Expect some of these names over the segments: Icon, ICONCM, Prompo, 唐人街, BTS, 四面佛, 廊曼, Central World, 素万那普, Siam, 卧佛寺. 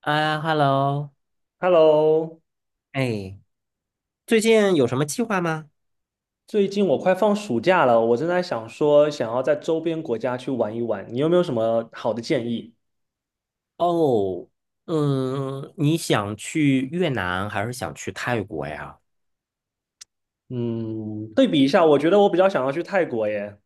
啊，Hello，Hello，哎，最近有什么计划吗？最近我快放暑假了，我正在想说想要在周边国家去玩一玩，你有没有什么好的建议？哦，嗯，你想去越南还是想去泰国呀？嗯，对比一下，我觉得我比较想要去泰国耶。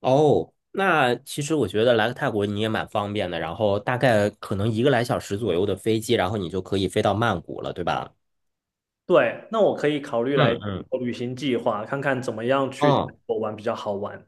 哦，那其实我觉得来个泰国你也蛮方便的，然后大概可能一个来小时左右的飞机，然后你就可以飞到曼谷了，对吧？对，那我可以考虑来嗯嗯做旅行计划，看看怎么样去泰嗯，国玩比较好玩。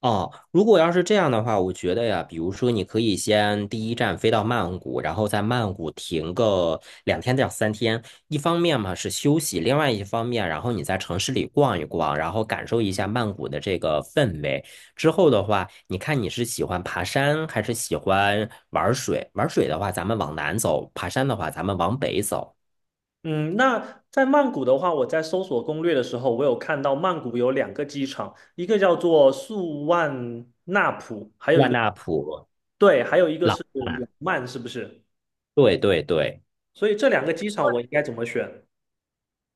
哦，如果要是这样的话，我觉得呀，比如说你可以先第一站飞到曼谷，然后在曼谷停个2天到3天。一方面嘛是休息，另外一方面，然后你在城市里逛一逛，然后感受一下曼谷的这个氛围。之后的话，你看你是喜欢爬山还是喜欢玩水？玩水的话，咱们往南走；爬山的话，咱们往北走。嗯，那在曼谷的话，我在搜索攻略的时候，我有看到曼谷有两个机场，一个叫做素万那普，还有一万个，纳普、对，还有一个老是挝，廊曼，是不是？对对对。所以这两个机场我应该怎么选？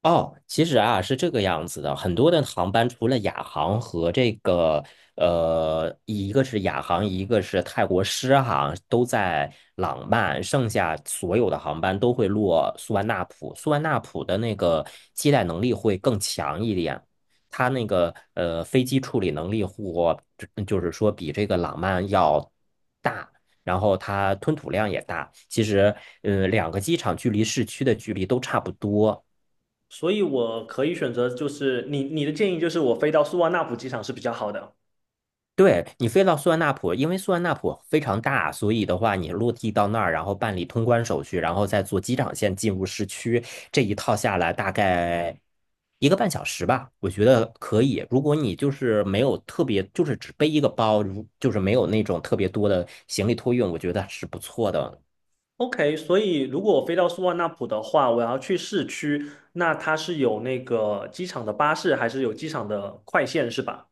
哦，其实啊是这个样子的，很多的航班除了亚航和这个一个是亚航，一个是泰国狮航，都在朗曼，剩下所有的航班都会落苏万纳普。苏万纳普的那个接待能力会更强一点，它那个飞机处理能力或就是说比这个朗曼要大。然后它吞吐量也大，其实，两个机场距离市区的距离都差不多。所以我可以选择，就是你的建议就是我飞到苏万那普机场是比较好的。对，你飞到苏万那普，因为苏万那普非常大，所以的话，你落地到那儿，然后办理通关手续，然后再坐机场线进入市区，这一套下来大概一个半小时吧，我觉得可以。如果你就是没有特别，就是只背一个包，就是没有那种特别多的行李托运，我觉得是不错的。OK，所以如果我飞到苏万那普的话，我要去市区，那它是有那个机场的巴士，还是有机场的快线是吧？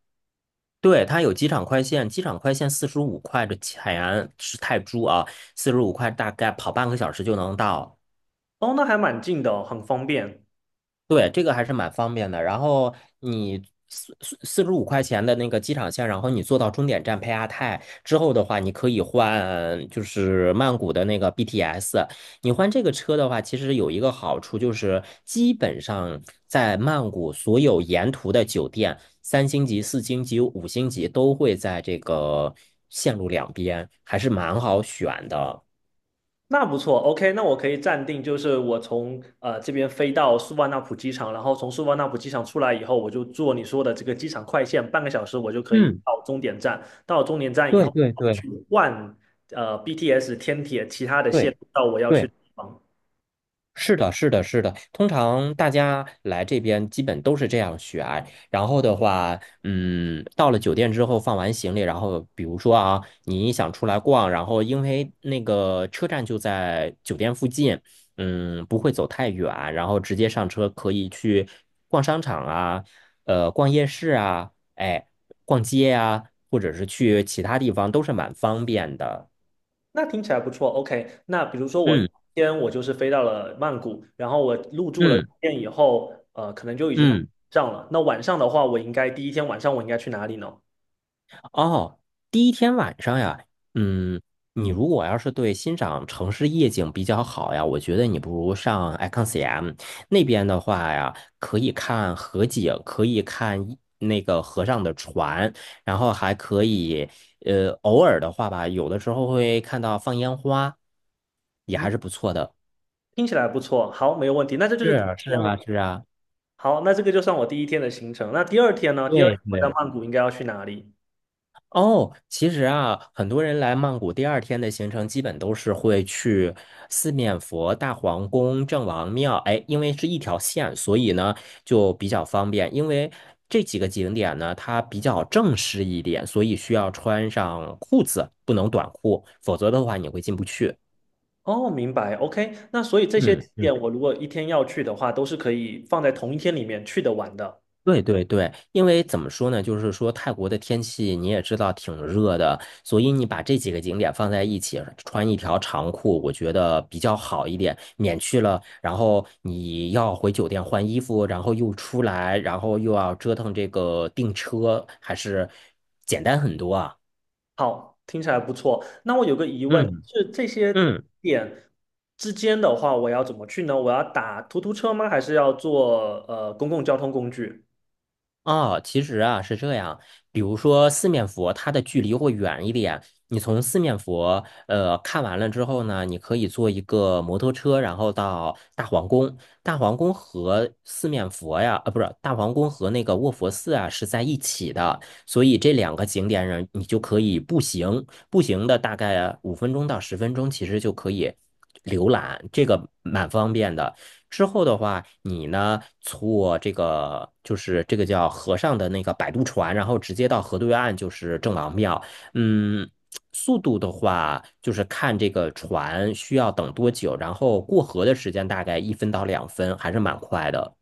对，它有机场快线，机场快线四十五块的钱是泰铢啊，四十五块大概跑半个小时就能到。哦，那还蛮近的哦很方便。对，这个还是蛮方便的。然后你四十五块钱的那个机场线，然后你坐到终点站佩亚泰之后的话，你可以换就是曼谷的那个 BTS。你换这个车的话，其实有一个好处就是，基本上在曼谷所有沿途的酒店，三星级、四星级、五星级都会在这个线路两边，还是蛮好选的。那不错，OK，那我可以暂定，就是我从这边飞到素万那普机场，然后从素万那普机场出来以后，我就坐你说的这个机场快线，半个小时我就可以嗯，到终点站。到终点站以对后，对对去换BTS 天铁其他的线对路到我要去对。的地方。是的，是的，是的。通常大家来这边基本都是这样选。然后的话，到了酒店之后放完行李，然后比如说啊，你想出来逛，然后因为那个车站就在酒店附近，不会走太远，然后直接上车可以去逛商场啊，逛夜市啊，哎，逛街啊，或者是去其他地方都是蛮方便的。那听起来不错，OK。那比如说我嗯今天我就是飞到了曼谷，然后我入住了酒嗯店以后，可能就已经嗯。上了。那晚上的话，我应该第一天晚上我应该去哪里呢？哦，第一天晚上呀，嗯，你如果要是对欣赏城市夜景比较好呀，我觉得你不如上 ICONCM 那边的话呀，可以看河景，可以看一那个河上的船，然后还可以，偶尔的话吧，有的时候会看到放烟花，也嗯。还是不错的。听起来不错，好，没有问题。那这就是是第一啊，是天啊，了。是啊，好，那这个就算我第一天的行程。那第二天呢？第二天对我在对。曼谷应该要去哪里？哦，其实啊，很多人来曼谷第二天的行程基本都是会去四面佛、大皇宫、郑王庙。哎，因为是一条线，所以呢就比较方便。因为这几个景点呢，它比较正式一点，所以需要穿上裤子，不能短裤，否则的话你会进不去。哦，明白。OK，那所以这些嗯景嗯点我如果一天要去的话，都是可以放在同一天里面去得完的。对对对，因为怎么说呢，就是说泰国的天气你也知道挺热的，所以你把这几个景点放在一起，穿一条长裤，我觉得比较好一点，免去了然后你要回酒店换衣服，然后又出来，然后又要折腾这个订车，还是简单很多啊。好，听起来不错。那我有个疑问，嗯是这些嗯。点之间的话，我要怎么去呢？我要打突突车吗？还是要坐公共交通工具？哦，其实啊是这样，比如说四面佛，它的距离会远一点。你从四面佛，看完了之后呢，你可以坐一个摩托车，然后到大皇宫。大皇宫和四面佛呀，啊，不是，大皇宫和那个卧佛寺啊是在一起的，所以这两个景点上你就可以步行，步行的大概5分钟到10分钟，其实就可以浏览，这个蛮方便的。之后的话，你呢坐这个就是这个叫河上的那个摆渡船，然后直接到河对岸就是郑王庙。嗯，速度的话就是看这个船需要等多久，然后过河的时间大概1分到2分，还是蛮快的。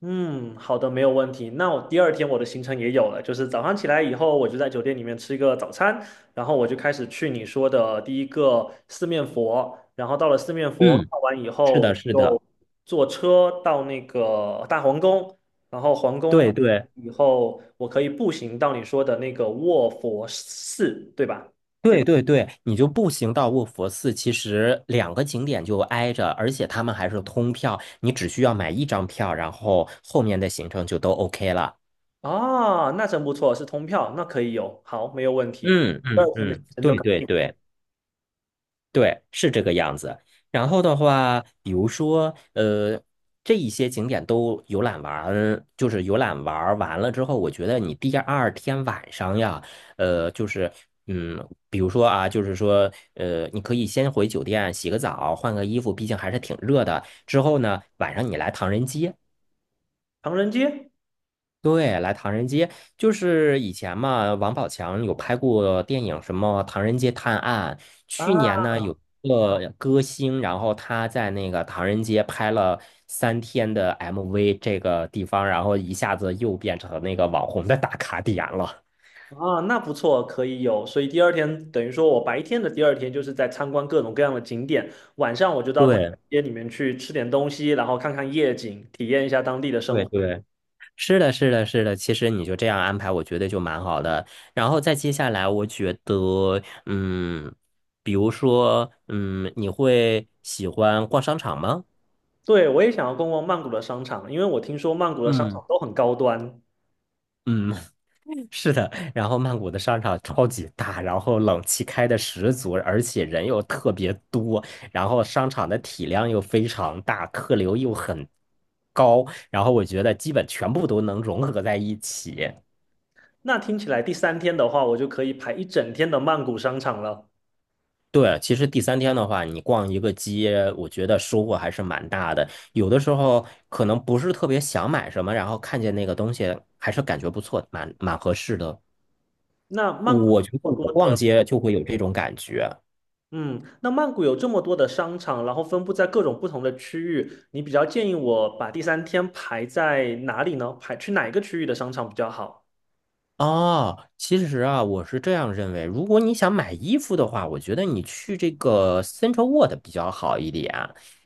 嗯，好的，没有问题。那我第二天我的行程也有了，就是早上起来以后，我就在酒店里面吃一个早餐，然后我就开始去你说的第一个四面佛，然后到了四面佛嗯，看完以是的，后，是就的，坐车到那个大皇宫，然后皇宫对对。以后，我可以步行到你说的那个卧佛寺，对吧？对对对，你就步行到卧佛寺，其实两个景点就挨着，而且他们还是通票，你只需要买一张票，然后后面的行程就都 OK 了。啊，那真不错，是通票，那可以有，好，没有问题。嗯第二嗯天的行嗯，程就对搞对定，对对，是这个样子。然后的话，比如说，这一些景点都游览完，就是游览玩儿完了之后，我觉得你第二天晚上呀，就是，嗯，比如说啊，就是说，你可以先回酒店洗个澡，换个衣服，毕竟还是挺热的。之后呢，晚上你来唐人街。唐人街。对，来唐人街，就是以前嘛，王宝强有拍过电影，什么《唐人街探案》。去啊。年呢，有一个歌星，然后他在那个唐人街拍了三天的 MV，这个地方，然后一下子又变成那个网红的打卡点了。啊，那不错，可以有。所以第二天等于说我白天的第二天就是在参观各种各样的景点，晚上我就到唐对，街里面去吃点东西，然后看看夜景，体验一下当地的生对，活。对，是的，是的，是的。其实你就这样安排，我觉得就蛮好的。然后再接下来，我觉得，比如说，你会喜欢逛商场吗？对，我也想要逛逛曼谷的商场，因为我听说曼谷的商嗯场都很高端。嗯，是的。然后曼谷的商场超级大，然后冷气开的十足，而且人又特别多，然后商场的体量又非常大，客流又很高，然后我觉得基本全部都能融合在一起。那听起来第三天的话，我就可以排一整天的曼谷商场了。对，其实第三天的话，你逛一个街，我觉得收获还是蛮大的。有的时候可能不是特别想买什么，然后看见那个东西还是感觉不错，蛮合适的。那曼谷我有觉得那么我多逛的。街就会有这种感觉。嗯，那曼谷有这么多的商场，然后分布在各种不同的区域，你比较建议我把第三天排在哪里呢？排去哪一个区域的商场比较好哦，其实啊，我是这样认为，如果你想买衣服的话，我觉得你去这个 Central World 比较好一点，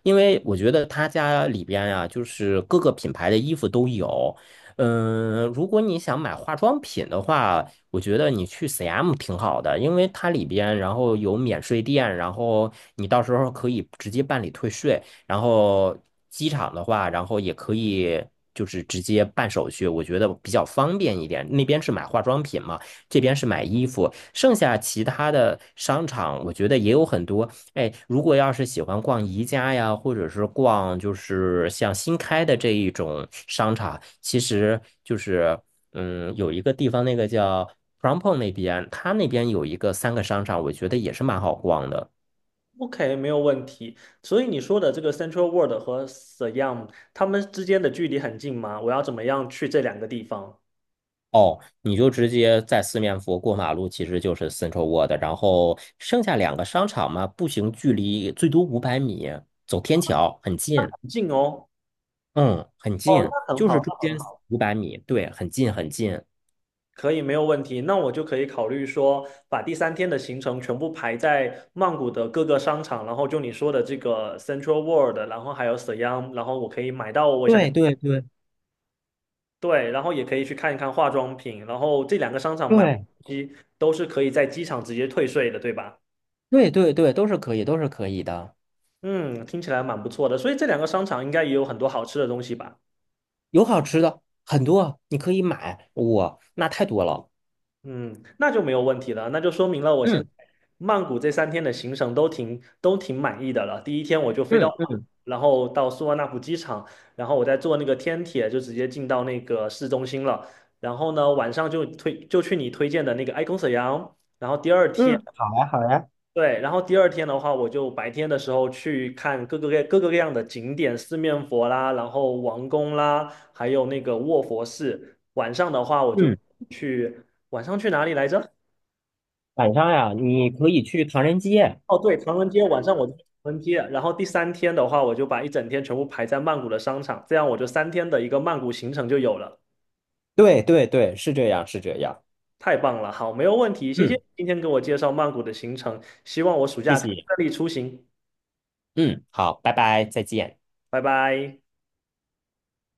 因为我觉得他家里边呀、就是各个品牌的衣服都有。如果你想买化妆品的话，我觉得你去 CM 挺好的，因为它里边然后有免税店，然后你到时候可以直接办理退税。然后机场的话，然后也可以就是直接办手续，我觉得比较方便一点。那边是买化妆品嘛，这边是买衣服。剩下其他的商场，我觉得也有很多。哎，如果要是喜欢逛宜家呀，或者是逛就是像新开的这一种商场，其实就是有一个地方那个叫 Prompo 那边，它那边有一个三个商场，我觉得也是蛮好逛的。？OK，没有问题。所以你说的这个 Central World 和 Siam，它们之间的距离很近吗？我要怎么样去这两个地方？哦，你就直接在四面佛过马路，其实就是 Central World，然后剩下两个商场嘛，步行距离最多五百米，走天桥很那近，很近哦。嗯，很哦，近，那很就好，是中间五百米，对，很近很近，可以，没有问题。那我就可以考虑说，把第三天的行程全部排在曼谷的各个商场，然后就你说的这个 Central World，然后还有 Siam，然后我可以买到我想要，对对对对，然后也可以去看一看化妆品，然后这两个商场买完对东西都是可以在机场直接退税的，对吧？对对对，都是可以，都是可以的，嗯，听起来蛮不错的。所以这两个商场应该也有很多好吃的东西吧？有好吃的很多，你可以买，哇，那太多了，嗯，那就没有问题了，那就说明了我现在嗯曼谷这三天的行程都挺满意的了。第一天我就飞到嗯曼谷，嗯然后到素万那普机场，然后我再坐那个天铁就直接进到那个市中心了。然后呢，晚上就去你推荐的那个 Icon 沈阳。然后第二天，嗯对，然后第二天的话，我就白天的时候去看各个各样的景点，四面佛啦，然后王宫啦，还有那个卧佛寺。晚上的话，我就嗯，去晚上去哪里来着？晚上呀，你可以去唐人街，哦，对，唐人街晚上我就去唐人街，然后第三天的话，我就把一整天全部排在曼谷的商场，这样我就三天的一个曼谷行程就有了。对对对，是这样是这样，太棒了，好，没有问题，谢谢你嗯，今天给我介绍曼谷的行程，希望我暑谢假可以谢。顺利出行，嗯，好，拜拜，再见。拜拜。